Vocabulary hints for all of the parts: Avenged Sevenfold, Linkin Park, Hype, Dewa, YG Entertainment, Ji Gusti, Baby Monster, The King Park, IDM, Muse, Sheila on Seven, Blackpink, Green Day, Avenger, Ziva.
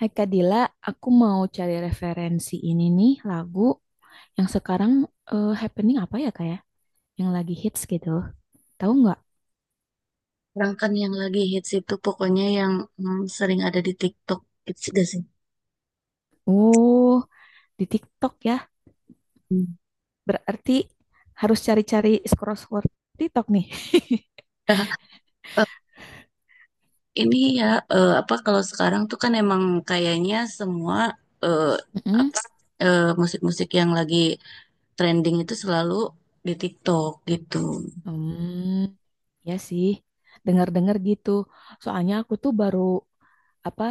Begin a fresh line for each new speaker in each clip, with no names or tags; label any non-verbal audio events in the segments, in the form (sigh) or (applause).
Hai Kak Dila, aku mau cari referensi ini nih lagu yang sekarang happening apa ya Kak ya? Yang lagi hits gitu. Tahu nggak?
Rangkan yang lagi hits itu pokoknya yang sering ada di TikTok hits gak sih?
Oh, di TikTok ya.
Hmm.
Berarti harus cari-cari scroll-scroll TikTok nih. (laughs)
Nah, eh, ini ya, apa kalau sekarang tuh kan emang kayaknya semua, eh,
Mm-mm.
apa, musik-musik yang lagi trending itu selalu di TikTok gitu.
Hmm, ya sih. Dengar-dengar gitu. Soalnya aku tuh baru apa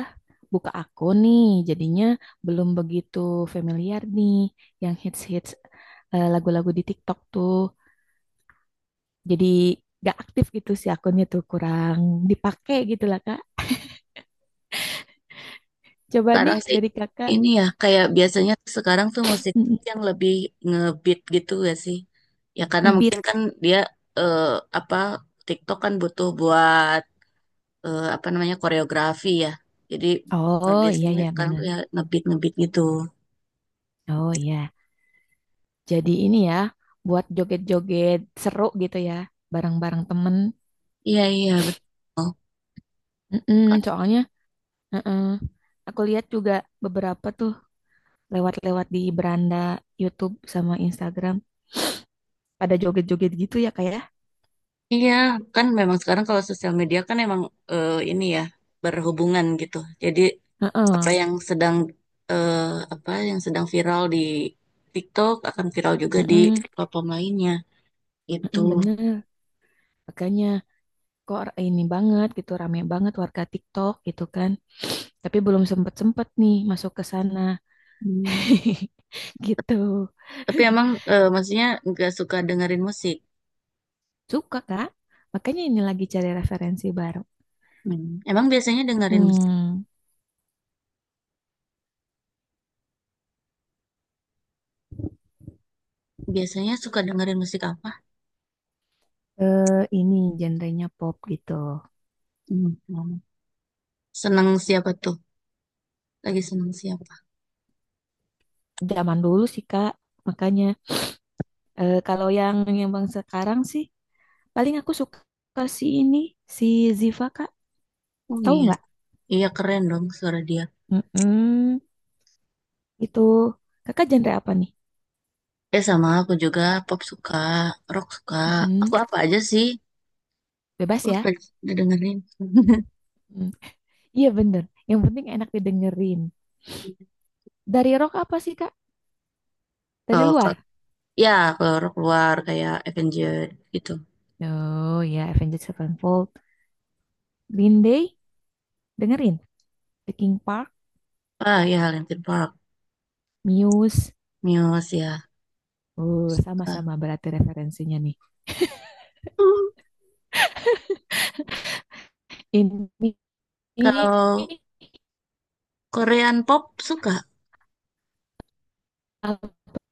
buka akun nih, jadinya belum begitu familiar nih yang hits-hits lagu-lagu di TikTok tuh. Jadi gak aktif gitu si akunnya tuh kurang dipakai gitu lah Kak. Coba nih
Sekarang sih
dari Kakak
ini ya kayak biasanya tuh sekarang tuh musik
mm,
yang lebih ngebeat gitu gak sih? Ya karena
ngebeat.
mungkin kan dia, eh, apa, TikTok kan butuh buat apa namanya, koreografi ya. Jadi
Oh iya
biasanya
iya
sekarang
bener.
tuh ya ngebeat ngebeat gitu.
Oh iya. Jadi ini ya buat joget-joget seru gitu ya bareng-bareng temen.
Iya iya betul.
Mm-mm,
Kan,
soalnya mm-mm. Aku lihat juga beberapa tuh lewat-lewat di beranda YouTube sama Instagram pada joget-joget gitu ya Kak ya.
iya kan memang sekarang kalau sosial media kan emang, ini ya, berhubungan gitu. Jadi apa
Heeh.
yang sedang, eh, apa yang sedang viral di TikTok akan viral juga di
Heeh.
platform lainnya itu.
Heeh, bener. Makanya kok ini banget gitu rame banget warga TikTok gitu kan tapi belum sempet sempet nih masuk ke sana (laughs) gitu
Tapi emang maksudnya nggak suka dengerin musik.
suka kak makanya ini lagi cari referensi baru
Hmm. Emang biasanya dengerin musik,
hmm
biasanya suka dengerin musik apa?
eh, ini genrenya pop gitu
Hmm. Seneng siapa tuh? Lagi seneng siapa?
zaman dulu sih kak makanya kalau yang bang sekarang sih paling aku suka si ini si Ziva kak
Oh
tahu
iya,
nggak
iya keren dong suara dia.
mm itu kakak genre apa nih.
Eh sama aku juga, pop suka, rock suka. Aku
Mm-mm.
apa aja sih? Aku
Bebas ya.
udah dengerin. (laughs)
Mm. Iya bener. Yang penting enak didengerin. Dari rock apa sih Kak? Dari
Oh, ke,
luar?
ya kalau rock luar kayak Avenger gitu.
Oh ya, Avenged Sevenfold, Green Day, dengerin. The King Park,
Ah ya Linkin Park,
Muse.
Muse ya.
Oh,
Ka-
sama-sama berarti referensinya nih.
hmm,
Ini ini
kalau Korean pop suka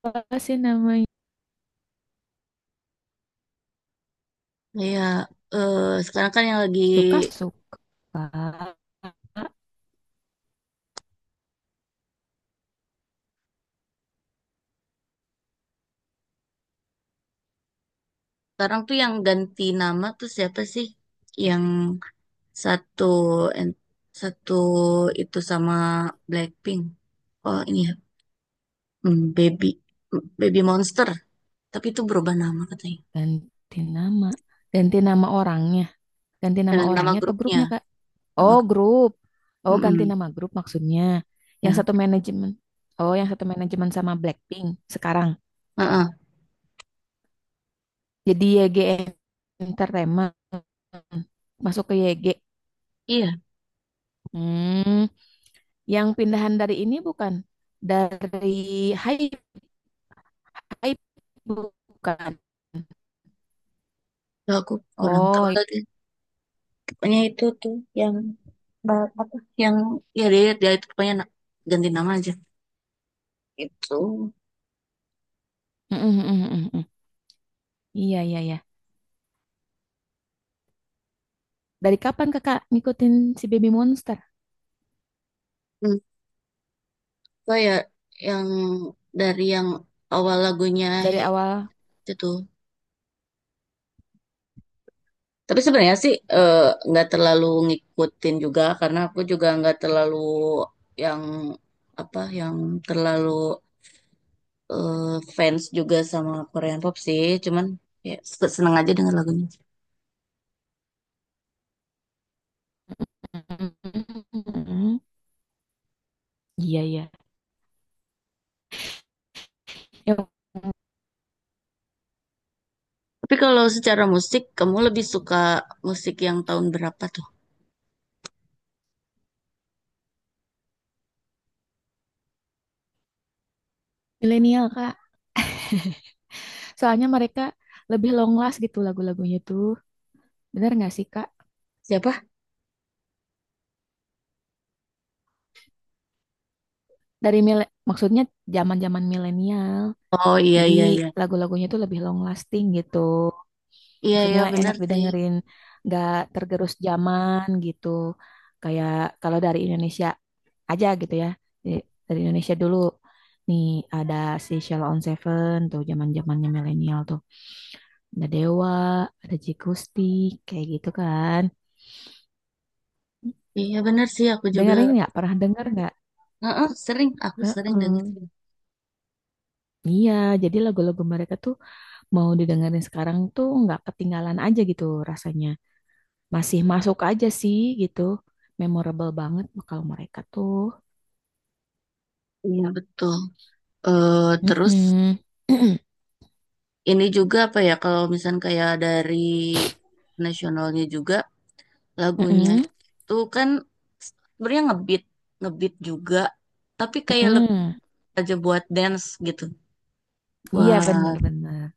apa sih namanya?
kayak eh, sekarang kan yang lagi
Suka-suka.
sekarang tuh yang ganti nama tuh siapa sih? Yang satu en- satu itu sama Blackpink. Oh ini ya, hmm, Baby Baby Monster. Tapi itu berubah nama katanya.
Ganti nama. Ganti nama orangnya. Ganti nama
Eh, nama
orangnya atau
grupnya.
grupnya Kak?
Nama
Oh,
gru-
grup. Oh, ganti
mm-mm,
nama grup maksudnya. Yang
ya.
satu manajemen. Oh, yang satu manajemen sama Blackpink sekarang.
Heeh.
Jadi YG Entertainment. Masuk ke YG.
Iya,
Hmm, yang pindahan dari ini bukan? Dari Hype, Hype bukan?
tuh, aku kurang tahu
Oh, i-
lagi. Pokoknya itu tuh yang ba- apa? Yang ya dia dia itu pokoknya na- ganti nama aja. Itu.
mm, mm, mm, mm, mm. Iya, iya, iya. Dari kapan kakak ngikutin si Baby Monster?
Hmm. So ya yang dari yang awal lagunya
Dari
he-
awal?
itu tuh. Tapi sebenarnya sih nggak terlalu ngikutin juga karena aku juga nggak terlalu yang apa yang terlalu, eh, fans juga sama Korean pop sih. Cuman ya se- seneng aja dengan lagunya.
Mm, mm, mm, mm. Iya, iya. Yang
Tapi kalau secara musik kamu lebih suka musik yang tahun berapa tuh?
milenial, Kak. Soalnya mereka lebih long last gitu lagu-lagunya tuh. Bener nggak sih, Kak?
Siapa?
Dari mile- maksudnya zaman-zaman milenial.
Oh iya
Jadi
iya iya.
lagu-lagunya tuh lebih long lasting gitu.
Iya iya
Maksudnya
benar
enak
sih.
didengerin, nggak tergerus zaman gitu. Kayak kalau dari Indonesia aja gitu ya. Jadi, dari Indonesia dulu. Nih ada si Sheila on Seven tuh zaman-zamannya milenial tuh. Ada Dewa, ada Ji Gusti, kayak gitu kan.
Iya benar sih aku juga.
Dengerin nggak? Pernah denger nggak?
Heeh, sering aku sering denger.
Heeh. Iya, jadi lagu-lagu mereka tuh mau didengerin sekarang tuh nggak ketinggalan aja gitu rasanya. Masih masuk aja sih gitu. Memorable banget kalau mereka tuh.
Iya betul. Eh terus
Mm-mm. (clears throat)
ini juga apa ya kalau misalnya kayak dari nasionalnya juga lagunya
Mm-mm.
itu kan sebenarnya ngebeat ngebeat juga, tapi kayak lebih
Mm-mm.
aja buat dance gitu
Iya
buat,
bener-bener.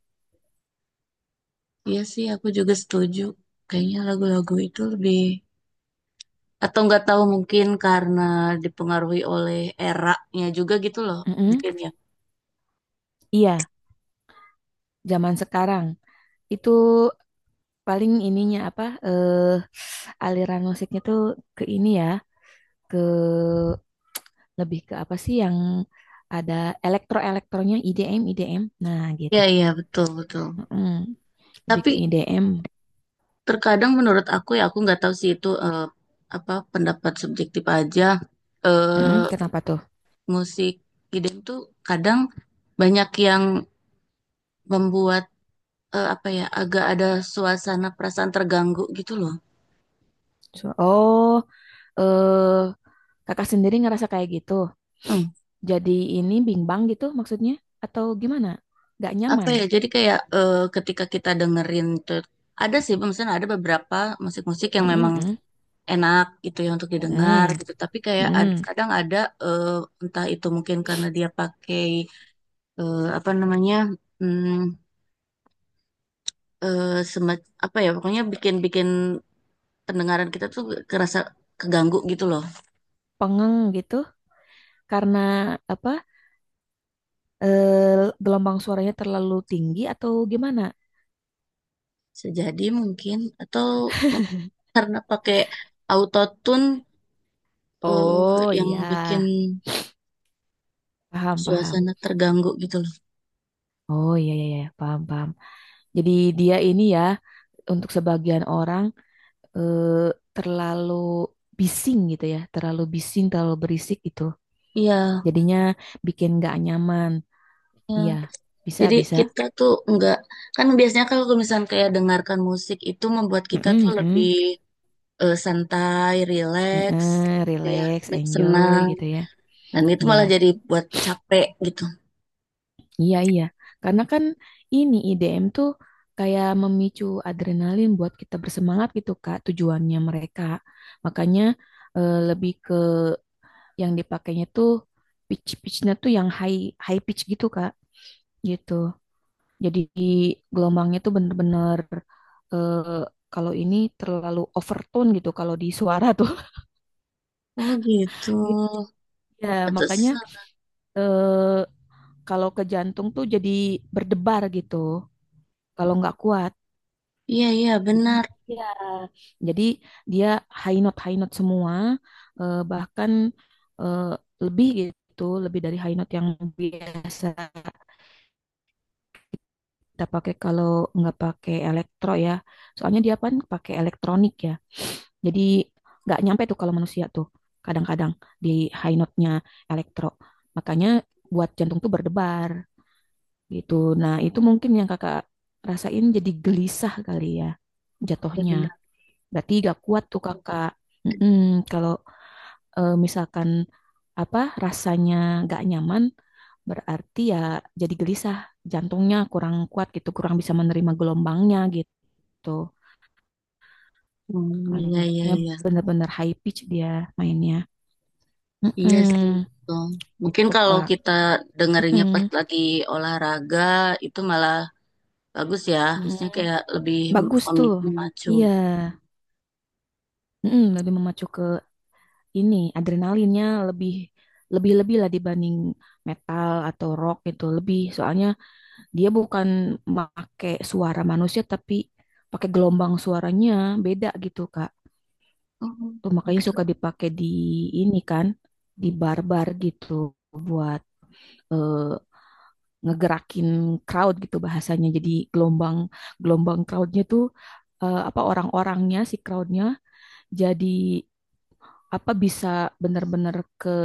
iya sih aku juga setuju, kayaknya lagu-lagu itu lebih, atau nggak tahu mungkin karena dipengaruhi oleh eranya juga gitu loh,
Mm-mm.
mungkin ya.
Iya, zaman sekarang itu paling ininya apa aliran musiknya tuh ke ini ya, ke lebih ke apa sih yang ada elektro-elektronya IDM IDM. Nah, gitu.
Iya iya betul betul,
Mm-mm. Lebih ke
tapi
IDM.
terkadang menurut aku ya aku nggak tahu sih itu, apa pendapat subjektif aja.
Mm-mm.
eh
Kenapa tuh?
musik idem tuh kadang banyak yang membuat, apa ya, agak ada suasana perasaan terganggu gitu loh.
So- oh, eh kakak sendiri ngerasa kayak gitu.
Hmm,
Jadi ini bimbang gitu maksudnya atau gimana? Gak
apa
nyaman.
ya? Jadi kayak, ketika kita dengerin tuh, ada sih, misalnya ada beberapa musik-musik yang
Mm-mm,
memang
mm.
enak gitu ya untuk didengar
Mm-mm,
gitu. Tapi kayak ad-
mm.
kadang ada eh, entah itu mungkin karena dia pakai, apa namanya? Hmm, semat- apa ya pokoknya bikin-bikin pendengaran kita tuh kerasa keganggu gitu loh.
Pengeng gitu karena apa? Gelombang suaranya terlalu tinggi atau gimana?
Sejadi mungkin atau mungkin karena pakai autotune, eh,
Oh
yang
iya,
bikin
paham paham.
suasana terganggu gitu loh.
Oh iya iya iya, paham paham. Jadi dia ini ya untuk sebagian orang eh, terlalu bising gitu ya, terlalu bising, terlalu berisik gitu.
Iya.
Jadinya bikin nggak nyaman.
Iya.
Iya, bisa,
Jadi
bisa.
kita tuh nggak, kan biasanya kalau misalnya kayak dengarkan musik itu membuat kita tuh
Mm-mm,
lebih,
mm.
santai, rileks
Heeh,
gitu ya,
relax, enjoy
senang.
gitu ya.
Dan itu
Iya,
malah jadi buat capek gitu.
iya, iya. Karena kan ini IDM tuh kayak memicu adrenalin buat kita bersemangat gitu, Kak, tujuannya mereka. Makanya lebih ke yang dipakainya tuh pitch-pitchnya tuh yang high high pitch gitu, Kak. Gitu. Jadi gelombangnya tuh bener-bener eh, kalau ini terlalu overtone gitu kalau di suara tuh. (laughs)
Oh gitu.
Gitu. Ya, makanya
Pantesan.
eh, kalau ke jantung tuh jadi berdebar gitu kalau nggak kuat.
Iya iya
Jadi
benar.
ya, jadi dia high note semua bahkan eh, lebih gitu, lebih dari high note yang biasa kita pakai kalau nggak pakai elektro ya. Soalnya dia kan pakai elektronik ya. Jadi nggak nyampe tuh kalau manusia tuh kadang-kadang di high note-nya elektro. Makanya buat jantung tuh berdebar gitu. Nah itu mungkin yang kakak rasain jadi gelisah kali ya
Iya
jatuhnya.
benar.
Berarti gak kuat tuh kakak. Mm-mm. Kalau misalkan apa rasanya gak nyaman berarti ya jadi gelisah. Jantungnya kurang kuat gitu, kurang bisa menerima gelombangnya gitu.
Hmm, iya iya
Hanya
iya.
benar-benar high pitch dia mainnya.
Iya sih
Mm-mm.
betul. Mungkin
Gitu,
kalau
Kak.
kita dengerinnya pas
Mm-mm.
lagi olahraga itu malah bagus ya. Maksudnya
Mm-mm.
kayak lebih
Bagus tuh.
memacu.
Iya. Mm-mm. Lebih memacu ke ini. Adrenalinnya lebih lebih-lebih lah dibanding metal atau rock gitu. Lebih soalnya dia bukan pakai suara manusia tapi pakai gelombang suaranya beda gitu, Kak.
Oh,
Tuh, makanya
gitu.
suka dipakai di ini kan, di bar-bar gitu buat eh, ngegerakin crowd gitu bahasanya. Jadi gelombang gelombang crowdnya tuh apa orang-orangnya si crowdnya jadi apa bisa benar-benar ke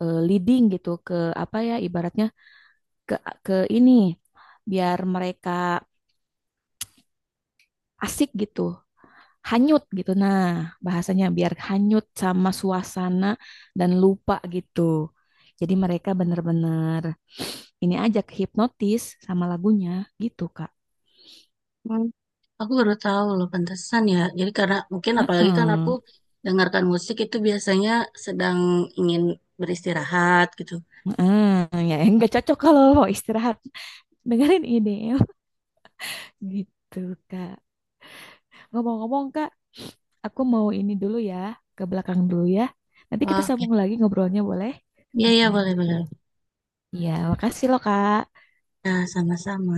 leading gitu ke apa ya ibaratnya ke ke ini biar mereka asik gitu hanyut gitu nah bahasanya biar hanyut sama suasana dan lupa gitu jadi mereka benar-benar ini aja kehipnotis sama lagunya gitu Kak.
Hmm. Aku baru tahu loh, pantesan ya. Jadi karena mungkin apalagi kan aku
Heeh.
dengarkan musik itu biasanya sedang ingin beristirahat gitu.
Hmm, ya (laughs) nggak cocok kalau mau istirahat. Dengerin ini gitu, Kak. Ngomong-ngomong, Kak, aku mau ini dulu ya, ke belakang dulu ya. Nanti kita
Oh, oke.
sambung lagi ngobrolnya boleh?
Iya iya
Mm-mm.
boleh boleh.
Ya, makasih loh, Kak.
Nah, sama-sama.